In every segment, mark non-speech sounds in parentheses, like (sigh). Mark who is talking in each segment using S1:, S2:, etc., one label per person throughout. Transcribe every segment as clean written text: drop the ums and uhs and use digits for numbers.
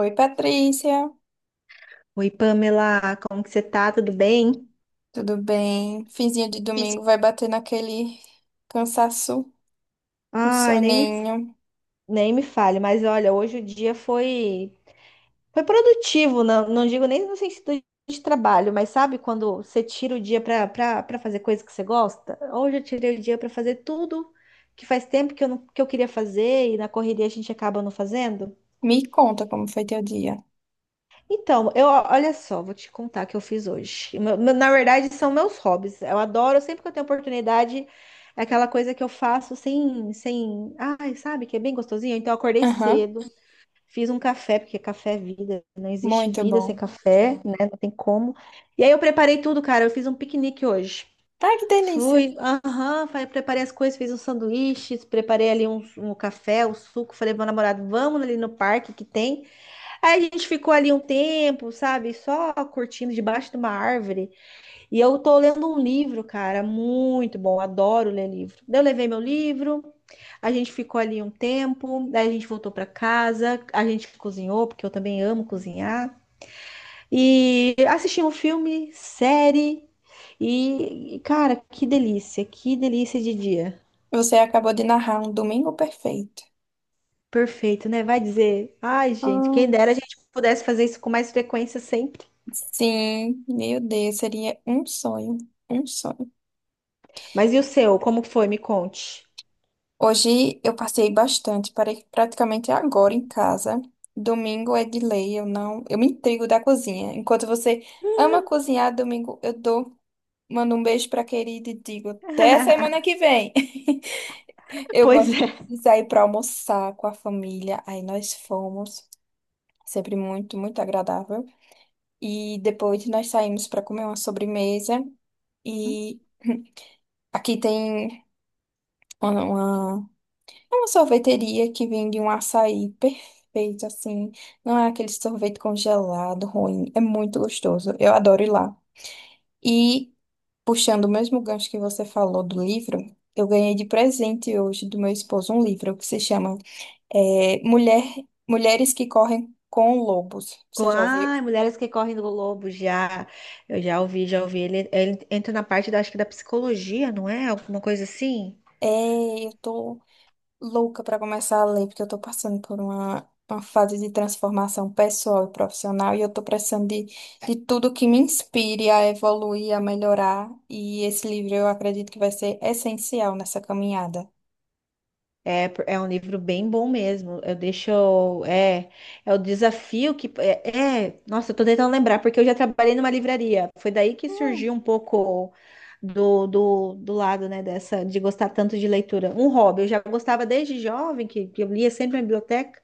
S1: Oi, Patrícia,
S2: Oi, Pamela, como que você tá? Tudo bem?
S1: tudo bem? Finzinho de
S2: Fiz-
S1: domingo vai bater naquele cansaço, um
S2: Ai,
S1: soninho.
S2: nem me fale, mas olha, hoje o dia foi produtivo, não digo nem no sentido de trabalho, mas sabe quando você tira o dia pra pra fazer coisa que você gosta? Hoje eu tirei o dia pra fazer tudo que faz tempo que eu, não, que eu queria fazer e na correria a gente acaba não fazendo.
S1: Me conta como foi teu dia.
S2: Então, eu, olha só, vou te contar o que eu fiz hoje. Na verdade, são meus hobbies. Eu adoro, sempre que eu tenho oportunidade, é aquela coisa que eu faço sem, sem, ai, sabe, que é bem gostosinho. Então, eu acordei
S1: Aham,
S2: cedo, fiz um café, porque café é vida, não existe
S1: muito
S2: vida sem
S1: bom.
S2: café, né? Não tem como. E aí eu preparei tudo, cara. Eu fiz um piquenique hoje.
S1: Ai, que delícia.
S2: Fui, aham, falei, preparei as coisas, fiz uns sanduíches, preparei ali um café, um suco. Falei pro meu namorado, vamos ali no parque que tem. Aí a gente ficou ali um tempo, sabe? Só curtindo debaixo de uma árvore. E eu tô lendo um livro, cara, muito bom. Adoro ler livro. Daí eu levei meu livro, a gente ficou ali um tempo, daí a gente voltou pra casa, a gente cozinhou, porque eu também amo cozinhar. E assisti um filme, série. Cara, que delícia de dia.
S1: Você acabou de narrar um domingo perfeito.
S2: Perfeito, né? Vai dizer. Ai, gente,
S1: Ah,
S2: quem dera a gente pudesse fazer isso com mais frequência sempre.
S1: sim, meu Deus, seria um sonho, um sonho.
S2: Mas e o seu? Como foi? Me conte.
S1: Hoje eu passei bastante, parei praticamente agora em casa. Domingo é de lei, eu não, eu me intrigo da cozinha. Enquanto você ama cozinhar, domingo eu dou. Mando um beijo pra querida e digo até semana
S2: (laughs)
S1: que vem. (laughs) Eu
S2: Pois
S1: gosto
S2: é.
S1: de sair pra almoçar com a família. Aí nós fomos, sempre muito, muito agradável. E depois nós saímos pra comer uma sobremesa. E (clears throat) aqui tem uma, uma, uma sorveteria que vende um açaí perfeito, assim. Não é aquele sorvete congelado ruim, é muito gostoso. Eu adoro ir lá. E puxando o mesmo gancho que você falou do livro, eu ganhei de presente hoje do meu esposo um livro que se chama eh, Mulher, Mulheres que Correm com Lobos. Você já ouviu?
S2: Ai, mulheres que correm do lobo, já. Eu já ouvi, já ouvi. Ele entra na parte da, acho que da psicologia, não é? Alguma coisa assim.
S1: É, eu tô louca para começar a ler, porque eu tô passando por uma fase de transformação pessoal e profissional, e eu tô precisando de tudo que me inspire a evoluir, a melhorar, e esse livro eu acredito que vai ser essencial nessa caminhada.
S2: É, é um livro bem bom mesmo. Eu deixo. É, é o desafio que. Nossa, eu tô tentando lembrar, porque eu já trabalhei numa livraria. Foi daí que surgiu um pouco do lado, né, dessa, de gostar tanto de leitura. Um hobby. Eu já gostava desde jovem, que eu lia sempre na biblioteca.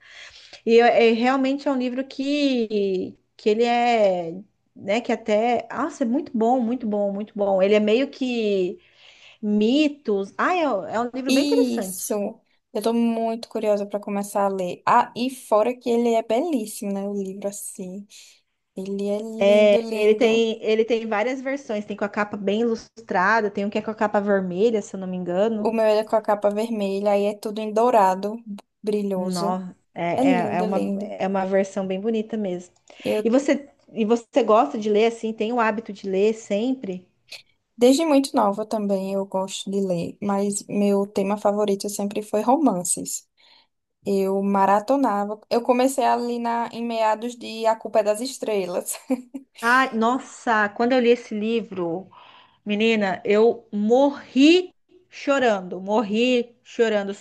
S2: É, realmente é um livro que ele é, né, que até, nossa, é muito bom, muito bom, muito bom. Ele é meio que mitos. Ah, é, é um livro bem interessante.
S1: Isso. Eu tô muito curiosa para começar a ler. Ah, e fora que ele é belíssimo, né? O livro assim. Ele é lindo,
S2: É,
S1: lindo.
S2: ele tem várias versões, tem com a capa bem ilustrada, tem um que é com a capa vermelha, se eu não me
S1: O
S2: engano.
S1: meu é com a capa vermelha, aí é tudo em dourado, brilhoso.
S2: Não
S1: É
S2: é,
S1: lindo, lindo.
S2: é uma versão bem bonita mesmo.
S1: Eu,
S2: E você gosta de ler assim, tem o hábito de ler sempre?
S1: desde muito nova também, eu gosto de ler, mas meu tema favorito sempre foi romances. Eu maratonava. Eu comecei ali na, em meados de A Culpa é das Estrelas. (laughs)
S2: Ah, nossa, quando eu li esse livro, menina, eu morri chorando, morri chorando.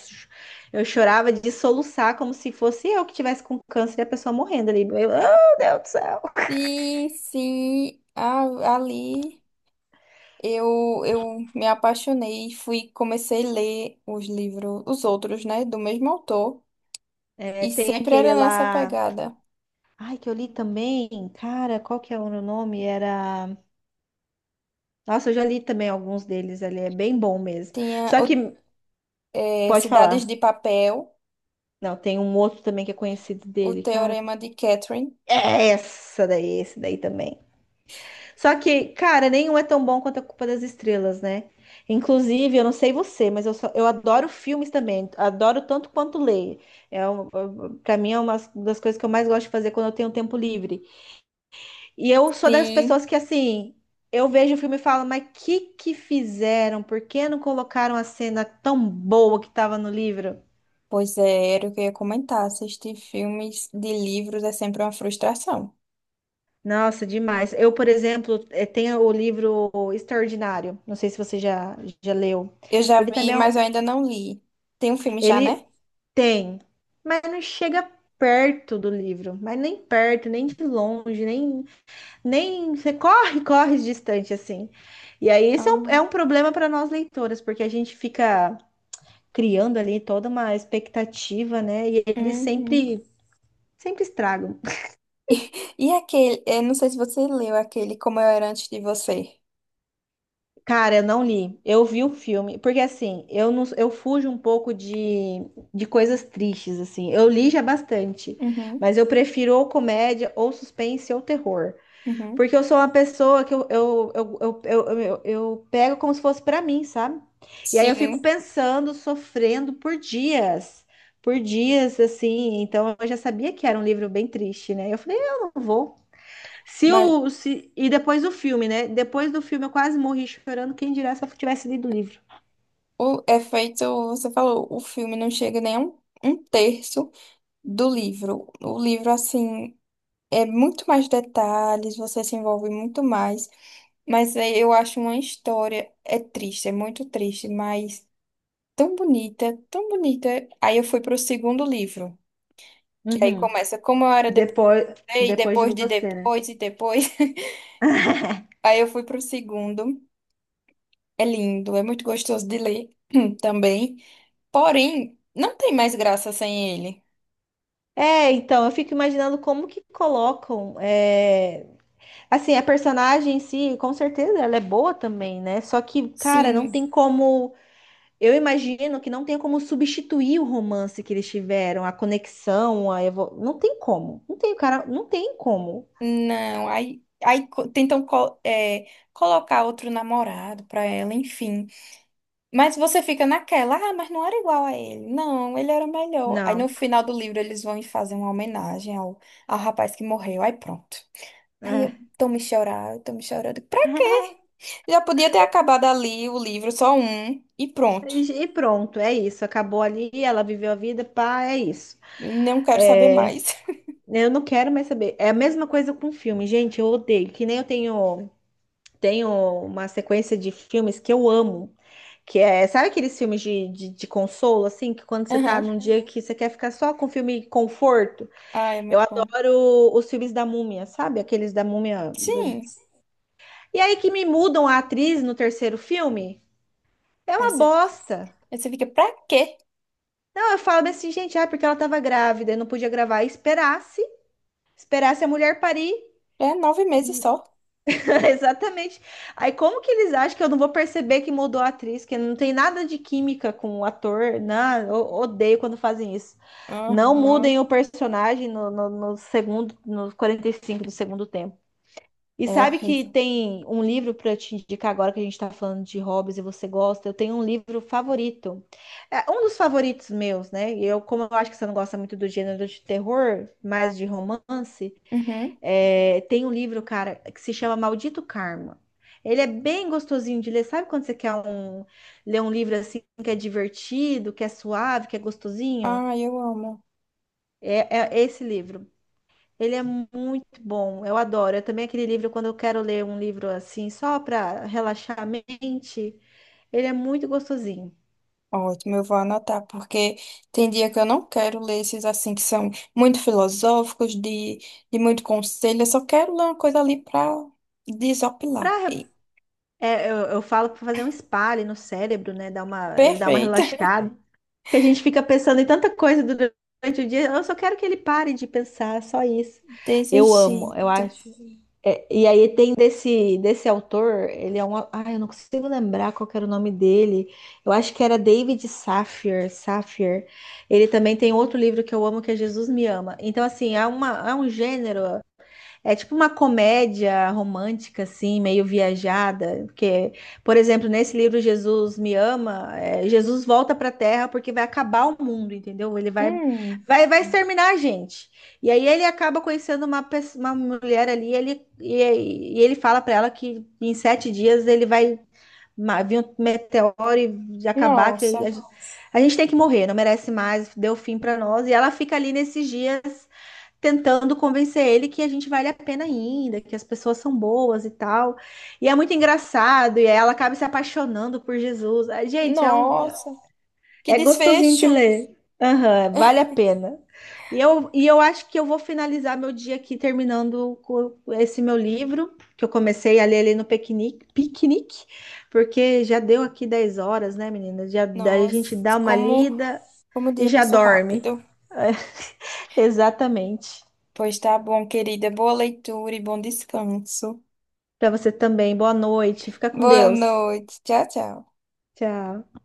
S2: Eu chorava de soluçar como se fosse eu que tivesse com câncer e a pessoa morrendo ali. Eu, oh, Deus do céu.
S1: Sim, sim, ali. Eu me apaixonei e fui, comecei a ler os livros, os outros, né, do mesmo autor,
S2: É,
S1: e
S2: tem
S1: sempre era
S2: aquele
S1: nessa
S2: lá.
S1: pegada.
S2: Ai, que eu li também. Cara, qual que é o nome? Era. Nossa, eu já li também alguns deles ali. É bem bom mesmo.
S1: Tinha
S2: Só que, pode
S1: Cidades
S2: falar.
S1: de Papel,
S2: Não, tem um outro também que é conhecido
S1: O
S2: dele. Cara,
S1: Teorema de Catherine.
S2: é essa daí, esse daí também. Só que, cara, nenhum é tão bom quanto a Culpa das Estrelas, né? Inclusive, eu não sei você, mas eu, só, eu adoro filmes também. Adoro tanto quanto ler. É um, para mim é uma das coisas que eu mais gosto de fazer quando eu tenho tempo livre. E eu sou das
S1: Sim,
S2: pessoas que assim, eu vejo o filme e falo, mas que fizeram? Por que não colocaram a cena tão boa que estava no livro?
S1: pois é, era o que eu ia comentar. Assistir filmes de livros é sempre uma frustração.
S2: Nossa, demais. Eu, por exemplo, tenho o livro Extraordinário. Não sei se você já leu.
S1: Eu já
S2: Ele
S1: vi,
S2: também é.
S1: mas eu ainda não li. Tem um filme já, né?
S2: Ele tem, mas não chega perto do livro, mas nem perto, nem de longe, nem, nem você corre, (laughs) corre distante assim. E aí isso é
S1: Ah,
S2: é um problema para nós leitoras, porque a gente fica criando ali toda uma expectativa, né?
S1: uhum.
S2: Sempre estragam.
S1: E aquele, eu não sei se você leu aquele Como Eu Era Antes de Você.
S2: Cara, eu não li. Eu vi o filme, porque assim, eu não, eu fujo um pouco de coisas tristes assim. Eu li já bastante,
S1: Uhum,
S2: mas eu prefiro ou comédia, ou suspense, ou terror.
S1: uhum.
S2: Porque eu sou uma pessoa que eu pego como se fosse pra mim, sabe? E aí eu fico
S1: Sim.
S2: pensando, sofrendo por dias, assim. Então eu já sabia que era um livro bem triste, né? Eu falei, eu não vou. Se
S1: Mas
S2: o, se... E depois do filme, né? Depois do filme eu quase morri chorando. Quem dirá se eu tivesse lido o livro?
S1: o é feito, você falou, o filme não chega nem a um, um terço do livro. O livro, assim, é muito mais detalhes, você se envolve muito mais. Mas é- eu acho uma história, é triste, é muito triste, mas tão bonita, tão bonita. Aí eu fui pro segundo livro, que aí
S2: Uhum.
S1: começa como eu era depois,
S2: Depois,
S1: e
S2: depois de
S1: depois de
S2: você, né?
S1: depois e depois. (laughs) Aí eu fui pro segundo. É lindo, é muito gostoso de ler (clears throat) também. Porém, não tem mais graça sem ele.
S2: É, então, eu fico imaginando como que colocam. Assim, a personagem em si, com certeza, ela é boa também, né? Só que, cara, não
S1: Sim,
S2: tem como. Eu imagino que não tem como substituir o romance que eles tiveram, a conexão, a evo... Não tem como. Não tem, cara, não tem como.
S1: não. Aí, tentam colocar outro namorado pra ela, enfim. Mas você fica naquela, ah, mas não era igual a ele. Não, ele era melhor. Aí
S2: Não.
S1: no final do livro eles vão e fazem uma homenagem ao, ao rapaz que morreu. Aí pronto. Aí eu
S2: É.
S1: tô me chorando, tô me chorando. Pra quê?
S2: (laughs)
S1: Já podia ter acabado ali o livro, só um, e pronto.
S2: E e pronto, é isso. Acabou ali, ela viveu a vida, pá, é isso.
S1: Não quero saber mais. (laughs)
S2: Eu não quero mais saber. É a mesma coisa com filme, gente. Eu odeio. Que nem eu tenho uma sequência de filmes que eu amo. Que é, sabe aqueles filmes de consolo, assim, que quando você tá
S1: Aham.
S2: num dia que você quer ficar só com filme conforto?
S1: Ah, é
S2: Eu
S1: muito bom.
S2: adoro os filmes da Múmia, sabe? Aqueles da Múmia.
S1: Sim.
S2: E aí que me mudam a atriz no terceiro filme? É
S1: Aí
S2: uma
S1: você,
S2: bosta.
S1: aí você fica, pra quê?
S2: Não, eu falo assim, gente, ah, porque ela tava grávida e não podia gravar. Esperasse a mulher parir.
S1: É 9 meses só.
S2: (laughs) Exatamente. Aí como que eles acham que eu não vou perceber que mudou a atriz, que não tem nada de química com o ator? Não, eu odeio quando fazem isso. Não
S1: Uhum.
S2: mudem o personagem no segundo, nos 45 do segundo tempo. E
S1: É
S2: sabe que
S1: horrível.
S2: tem um livro para te indicar agora que a gente está falando de hobbies e você gosta? Eu tenho um livro favorito. É um dos favoritos meus, né? E eu, como eu acho que você não gosta muito do gênero de terror, mais de romance,
S1: Uhum.
S2: é, tem um livro, cara, que se chama Maldito Karma. Ele é bem gostosinho de ler. Sabe quando você quer ler um livro assim que é divertido, que é suave, que é gostosinho?
S1: Ah, eu amo.
S2: É, é esse livro. Ele é muito bom, eu adoro. É também aquele livro, quando eu quero ler um livro assim, só para relaxar a mente, ele é muito gostosinho.
S1: Ótimo, eu vou anotar, porque tem dia que eu não quero ler esses assim que são muito filosóficos, de muito conselho. Eu só quero ler uma coisa ali pra desopilar.
S2: Pra, re- é, eu falo para fazer um spa ali no cérebro, né? Dá uma, ele dá uma
S1: Perfeito.
S2: relaxada. Que a gente fica pensando em tanta coisa durante o dia. Eu só quero que ele pare de pensar, só isso.
S1: (laughs) Desse
S2: Eu amo, eu
S1: jeito.
S2: acho. É, e aí tem desse autor, ele é um. Ai, eu não consigo lembrar qual que era o nome dele. Eu acho que era David Safir. Ele também tem outro livro que eu amo, que é Jesus Me Ama. Então, assim, há um gênero. É tipo uma comédia romântica, assim, meio viajada. Porque, por exemplo, nesse livro Jesus Me Ama, é, Jesus volta para a Terra porque vai acabar o mundo, entendeu?
S1: Hum,
S2: Vai exterminar a gente. E aí ele acaba conhecendo uma mulher ali, e ele fala para ela que em 7 dias ele vai vir um meteoro e de acabar,
S1: nossa.
S2: a gente tem que morrer, não merece mais, deu fim para nós. E ela fica ali nesses dias tentando convencer ele que a gente vale a pena ainda, que as pessoas são boas e tal. E é muito engraçado, e ela acaba se apaixonando por Jesus. Ah, gente, é um
S1: Nossa. Que
S2: é gostosinho de
S1: desfecho.
S2: ler. Aham, vale a pena. E eu acho que eu vou finalizar meu dia aqui terminando com esse meu livro, que eu comecei a ler ali no piquenique, porque já deu aqui 10 horas, né, menina? Já, a gente
S1: Nossa,
S2: dá uma
S1: como,
S2: lida
S1: como o
S2: e
S1: dia
S2: já
S1: passou
S2: dorme.
S1: rápido.
S2: (laughs) Exatamente.
S1: Pois tá bom, querida. Boa leitura e bom descanso.
S2: Para você também. Boa noite. Fica com
S1: Boa
S2: Deus.
S1: noite. Tchau, tchau.
S2: Tchau.